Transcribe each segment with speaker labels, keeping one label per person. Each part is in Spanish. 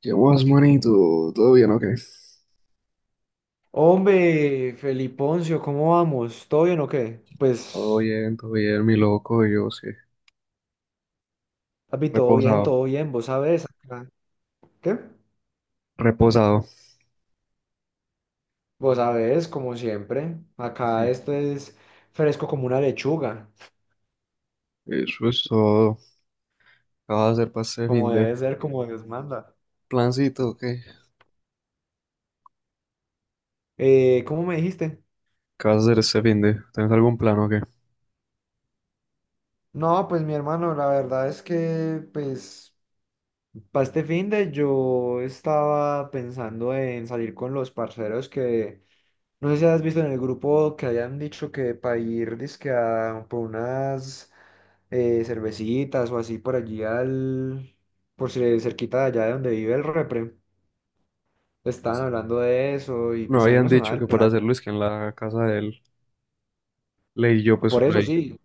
Speaker 1: ¿Qué más, manito? ¿Todo bien o qué?
Speaker 2: Hombre, Feliponcio, ¿cómo vamos? ¿Todo bien o qué? Pues,
Speaker 1: Todo bien, mi loco, yo sí.
Speaker 2: papi,
Speaker 1: Reposado,
Speaker 2: todo bien, vos sabés acá. ¿Qué?
Speaker 1: reposado.
Speaker 2: Vos sabés, como siempre, acá esto es fresco como una lechuga,
Speaker 1: Eso es todo. ¿Qué vas a hacer para este fin
Speaker 2: como
Speaker 1: de?
Speaker 2: debe ser, como Dios manda.
Speaker 1: ¿Plancito o qué?
Speaker 2: ¿Cómo me dijiste?
Speaker 1: ¿Qué vas a hacer este fin de? ¿Tienes algún plan o qué?
Speaker 2: No, pues mi hermano, la verdad es que, pues, para este finde yo estaba pensando en salir con los parceros que, no sé si has visto en el grupo que hayan dicho que para ir, dizque por unas cervecitas o así por allí al, por si cerquita de allá de donde vive el repre. Estaban hablando de eso y
Speaker 1: No
Speaker 2: pues a mí
Speaker 1: habían
Speaker 2: me sonaba
Speaker 1: dicho
Speaker 2: el
Speaker 1: que para
Speaker 2: plan.
Speaker 1: hacerlo es que en la casa de él. Leí yo pues
Speaker 2: Por
Speaker 1: por
Speaker 2: eso
Speaker 1: ahí.
Speaker 2: sí.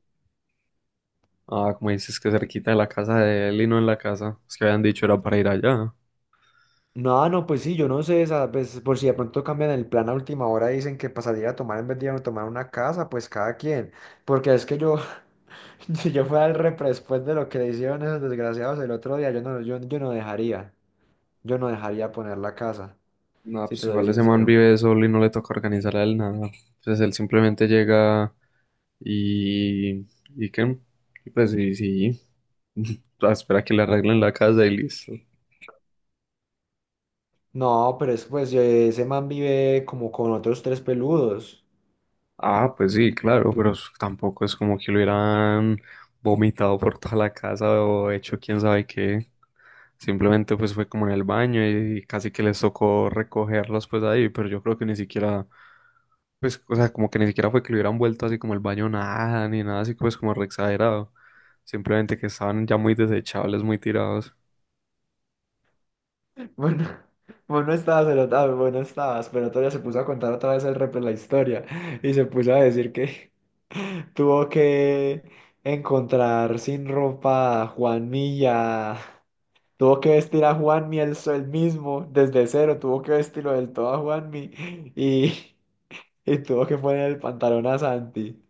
Speaker 1: Ah, como dices que cerquita de la casa de él y no en la casa. Es que habían dicho era para ir allá.
Speaker 2: No, no, pues sí, yo no sé, esa, pues, por si de pronto cambian el plan a última hora y dicen que para salir a tomar en vez de ir a tomar una casa, pues cada quien. Porque es que yo, si yo fuera el repre después de lo que le hicieron esos desgraciados el otro día, yo no, yo, no dejaría, yo no dejaría poner la casa,
Speaker 1: No,
Speaker 2: si te
Speaker 1: pues
Speaker 2: soy
Speaker 1: igual ese man
Speaker 2: sincero.
Speaker 1: vive solo y no le toca organizar a él nada. Entonces él simplemente llega. Y, y qué, y pues sí, sí. Ah, espera que le arreglen la casa y listo.
Speaker 2: No, pero es pues ese man vive como con otros tres peludos.
Speaker 1: Ah, pues sí, claro, pero tampoco es como que lo hubieran vomitado por toda la casa o hecho quién sabe qué. Simplemente pues fue como en el baño y casi que les tocó recogerlos pues ahí, pero yo creo que ni siquiera, pues, o sea, como que ni siquiera fue que lo hubieran vuelto así como el baño nada, ni nada así pues como re exagerado. Simplemente que estaban ya muy desechables, muy tirados.
Speaker 2: Bueno, vos no estabas, vos no estabas, pero otro día se puso a contar otra vez el repre la historia y se puso a decir que tuvo que encontrar sin ropa a Juan Milla, tuvo que vestir a Juanmi él, él mismo desde cero, tuvo que vestirlo del todo a Juanmi y, y tuvo que poner el pantalón a Santi.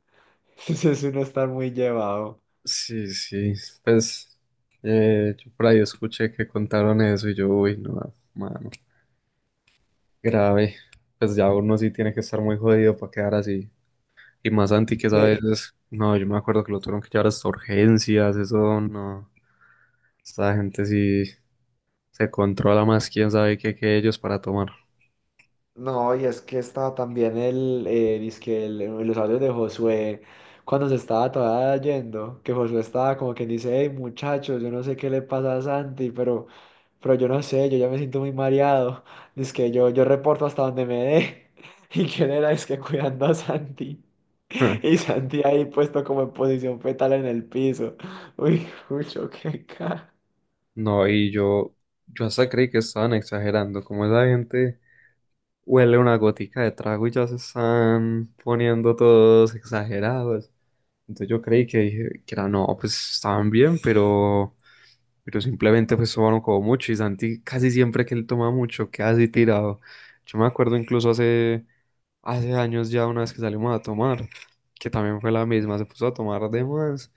Speaker 2: Entonces uno está muy llevado.
Speaker 1: Sí, sí, pues yo por ahí escuché que contaron eso y yo, uy, no, mano, grave. Pues ya uno sí tiene que estar muy jodido para quedar así. Y más anti que esa vez, no, yo me acuerdo que lo tuvieron que llevar hasta urgencias, eso no. Esta gente sí se controla más, quién sabe qué que ellos para tomar.
Speaker 2: No, y es que estaba también el, dizque en los audios de Josué, cuando se estaba todavía yendo, que Josué estaba como que dice, hey muchachos, yo no sé qué le pasa a Santi, pero yo no sé, yo ya me siento muy mareado, que yo reporto hasta donde me dé, y que él era, que cuidando a Santi, y Santi ahí puesto como en posición fetal en el piso, uy, mucho qué cara.
Speaker 1: No, y yo hasta creí que estaban exagerando, como esa gente huele una gotica de trago y ya se están poniendo todos exagerados. Entonces yo creí que, dije que era, no, pues estaban bien, pero simplemente pues tomaron como mucho y Santi casi siempre que él toma mucho queda así tirado. Yo me acuerdo incluso hace, hace años ya una vez que salimos a tomar, que también fue la misma, se puso a tomar de más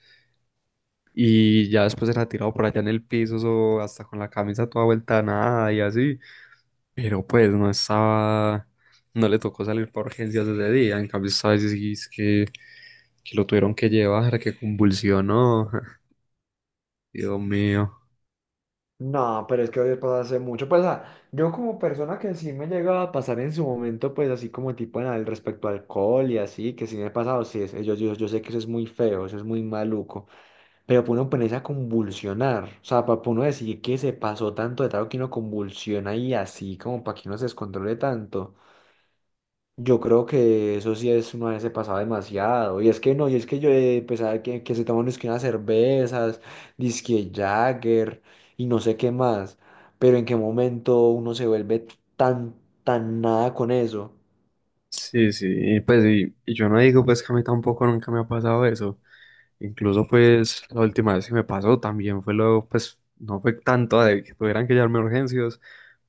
Speaker 1: y ya después era tirado por allá en el piso o hasta con la camisa toda vuelta a nada y así, pero pues no estaba, no le tocó salir por urgencias ese día, en cambio sabes es que lo tuvieron que llevar, que convulsionó. Dios mío.
Speaker 2: No, pero es que hoy pasa hace mucho. Pues, yo como persona que sí me llega a pasar en su momento, pues así como tipo en el respecto al alcohol y así, que sí me ha pasado, sí, yo, yo sé que eso es muy feo, eso es muy maluco, pero para uno ponerse a convulsionar, o sea, para uno decir que se pasó tanto de trago que uno convulsiona y así, como para que uno se descontrole tanto. Yo creo que eso sí es una vez se pasaba demasiado. Y es que no, y es que yo pues, que, se toman es que unas cervezas, disque Jagger y no sé qué más. Pero en qué momento uno se vuelve tan, tan nada con eso.
Speaker 1: Sí, sí, y pues y yo no digo pues que a mí tampoco nunca me ha pasado eso. Incluso pues la última vez que me pasó también fue lo, pues no fue tanto de que tuvieran que llevarme a urgencias,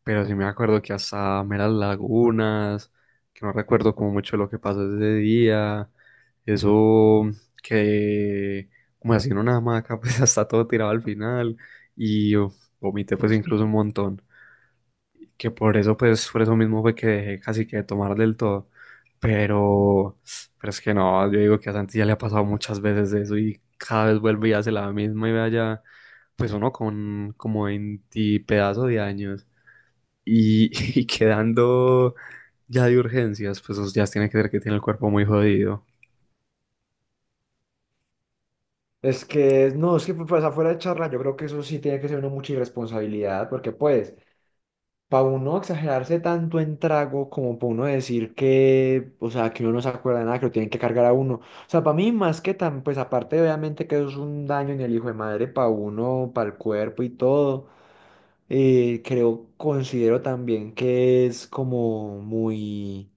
Speaker 1: pero sí me acuerdo que hasta me las lagunas, que no recuerdo como mucho lo que pasó ese día, eso que como así en una hamaca pues hasta todo tirado al final y oh, vomité pues incluso un montón, que por eso, pues, por eso mismo fue que dejé casi que de tomar del todo. Pero, pero es que no, yo digo que a Santi ya le ha pasado muchas veces eso y cada vez vuelve y hace la misma y vaya, pues uno con como 20 pedazos de años y, y quedando ya de urgencias, pues eso ya tiene que ver que tiene el cuerpo muy jodido.
Speaker 2: Es que, no, es que pues afuera de charla, yo creo que eso sí tiene que ser una mucha irresponsabilidad, porque pues, para uno exagerarse tanto en trago como para uno decir que, o sea, que uno no se acuerda de nada, que lo tienen que cargar a uno. O sea, para mí más que tan, pues aparte obviamente que eso es un daño en el hijo de madre para uno, para el cuerpo y todo, creo, considero también que es como muy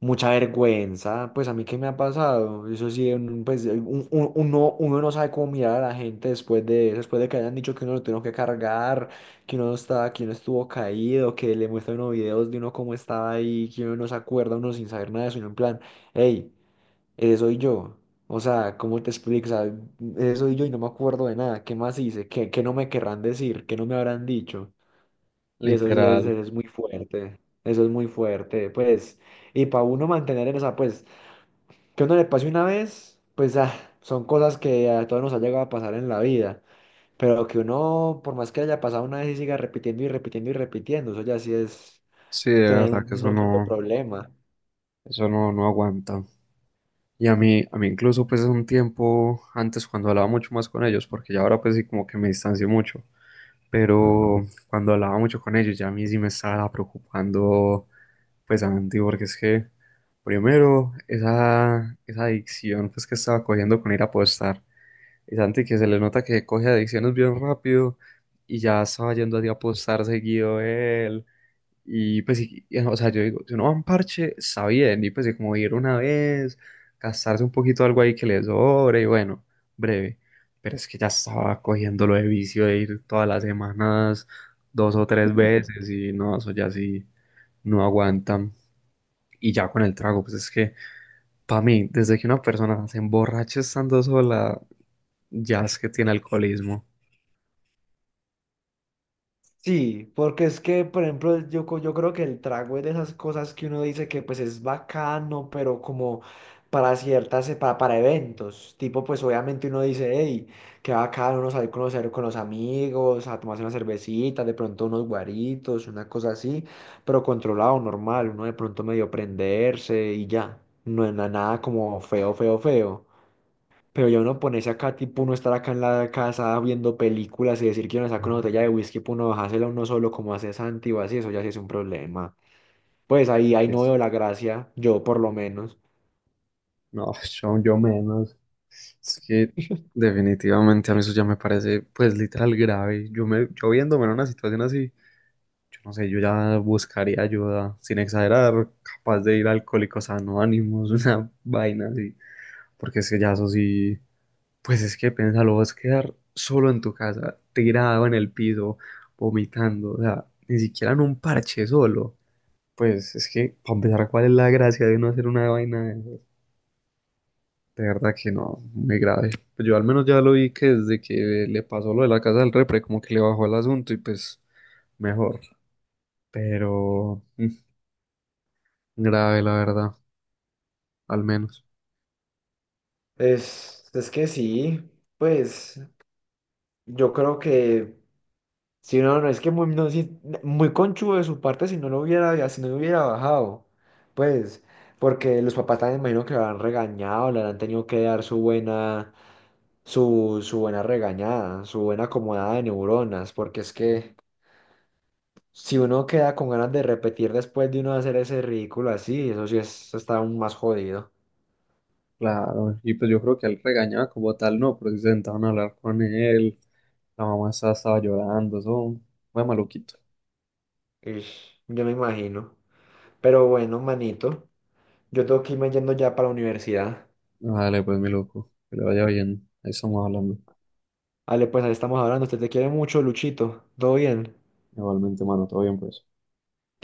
Speaker 2: mucha vergüenza, pues a mí qué me ha pasado, eso sí, pues uno, uno no sabe cómo mirar a la gente después de que hayan dicho que uno lo tuvo que cargar, que uno estaba, que uno estuvo caído, que le muestran unos videos de uno cómo estaba ahí, que uno no se acuerda, uno sin saber nada de eso, uno en plan, hey, ese soy yo, o sea, ¿cómo te explico? O sea, ese soy yo y no me acuerdo de nada, ¿qué más hice? ¿Qué, qué no me querrán decir? ¿Qué no me habrán dicho? Y eso sí
Speaker 1: Literal.
Speaker 2: es muy fuerte, eso es muy fuerte, pues, y para uno mantener en esa, pues, que uno le pase una vez, pues, son cosas que a todos nos ha llegado a pasar en la vida, pero que uno, por más que haya pasado una vez y siga repitiendo y repitiendo y repitiendo, eso ya sí es
Speaker 1: Sí, de
Speaker 2: tener
Speaker 1: verdad que
Speaker 2: un otro problema.
Speaker 1: eso no, no aguanta. Y a mí incluso pues es un tiempo antes cuando hablaba mucho más con ellos, porque ya ahora pues sí como que me distancio mucho, pero cuando hablaba mucho con ellos ya a mí sí me estaba preocupando pues Santi, porque es que primero esa, esa adicción pues que estaba cogiendo con ir a apostar, y Santi que se le nota que coge adicciones bien rápido y ya estaba yendo así a apostar seguido él y pues, y, o sea, yo digo, si uno va a un parche, está bien, y pues, y como ir una vez, gastarse un poquito algo ahí que le sobre, y bueno, breve. Pero es que ya estaba cogiendo lo de vicio de ir todas las semanas, dos o tres veces, y no, eso ya sí no aguantan. Y ya con el trago, pues es que, para mí, desde que una persona se emborracha estando sola, ya es que tiene alcoholismo.
Speaker 2: Sí, porque es que, por ejemplo, yo, yo creo que el trago es de esas cosas que uno dice que pues es bacano, pero como para ciertas, para eventos, tipo pues obviamente uno dice, hey, qué bacano uno salir a conocer con los amigos, a tomarse una cervecita, de pronto unos guaritos, una cosa así, pero controlado, normal, uno de pronto medio prenderse y ya, no es nada como feo, feo, feo. Pero ya uno ponerse acá, tipo uno estar acá en la casa viendo películas y decir que uno saca una botella de whisky para uno bajársela uno solo como hace Santi o así, eso ya sí es un problema. Pues ahí, ahí no veo la gracia, yo por lo menos.
Speaker 1: No, yo menos. Es que definitivamente a mí eso ya me parece, pues, literal grave. Yo me, yo viéndome en una situación así, yo no sé, yo ya buscaría ayuda, sin exagerar, capaz de ir a Alcohólicos Anónimos, una vaina así. Porque es que ya eso sí, pues es que piénsalo, vas a quedar solo en tu casa, tirado en el piso, vomitando, o sea, ni siquiera en un parche solo. Pues es que, para empezar, ¿cuál es la gracia de no hacer una vaina? De verdad que no, muy grave. Pues yo al menos ya lo vi que desde que le pasó lo de la casa del repre, como que le bajó el asunto y pues mejor. Pero mm, grave, la verdad, al menos.
Speaker 2: Es que sí, pues yo creo que si no, no es que muy, no, sí, muy conchudo de su parte si no lo hubiera, si no lo hubiera bajado, pues porque los papás también imagino que lo han regañado, le han tenido que dar su buena su, su buena regañada, su buena acomodada de neuronas, porque es que si uno queda con ganas de repetir después de uno hacer ese ridículo así, eso sí es, eso está aún más jodido.
Speaker 1: Claro, y pues yo creo que él regañaba como tal, no, pero sí se sentaban a hablar con él. La mamá estaba, estaba llorando, eso fue maluquito.
Speaker 2: Ish, yo me imagino. Pero bueno, manito, yo tengo que irme yendo ya para la universidad.
Speaker 1: Dale pues mi loco, que le vaya bien. Ahí estamos hablando.
Speaker 2: Vale, pues ahí estamos hablando. Usted te quiere mucho, Luchito. ¿Todo bien?
Speaker 1: Igualmente, mano, todo bien, pues.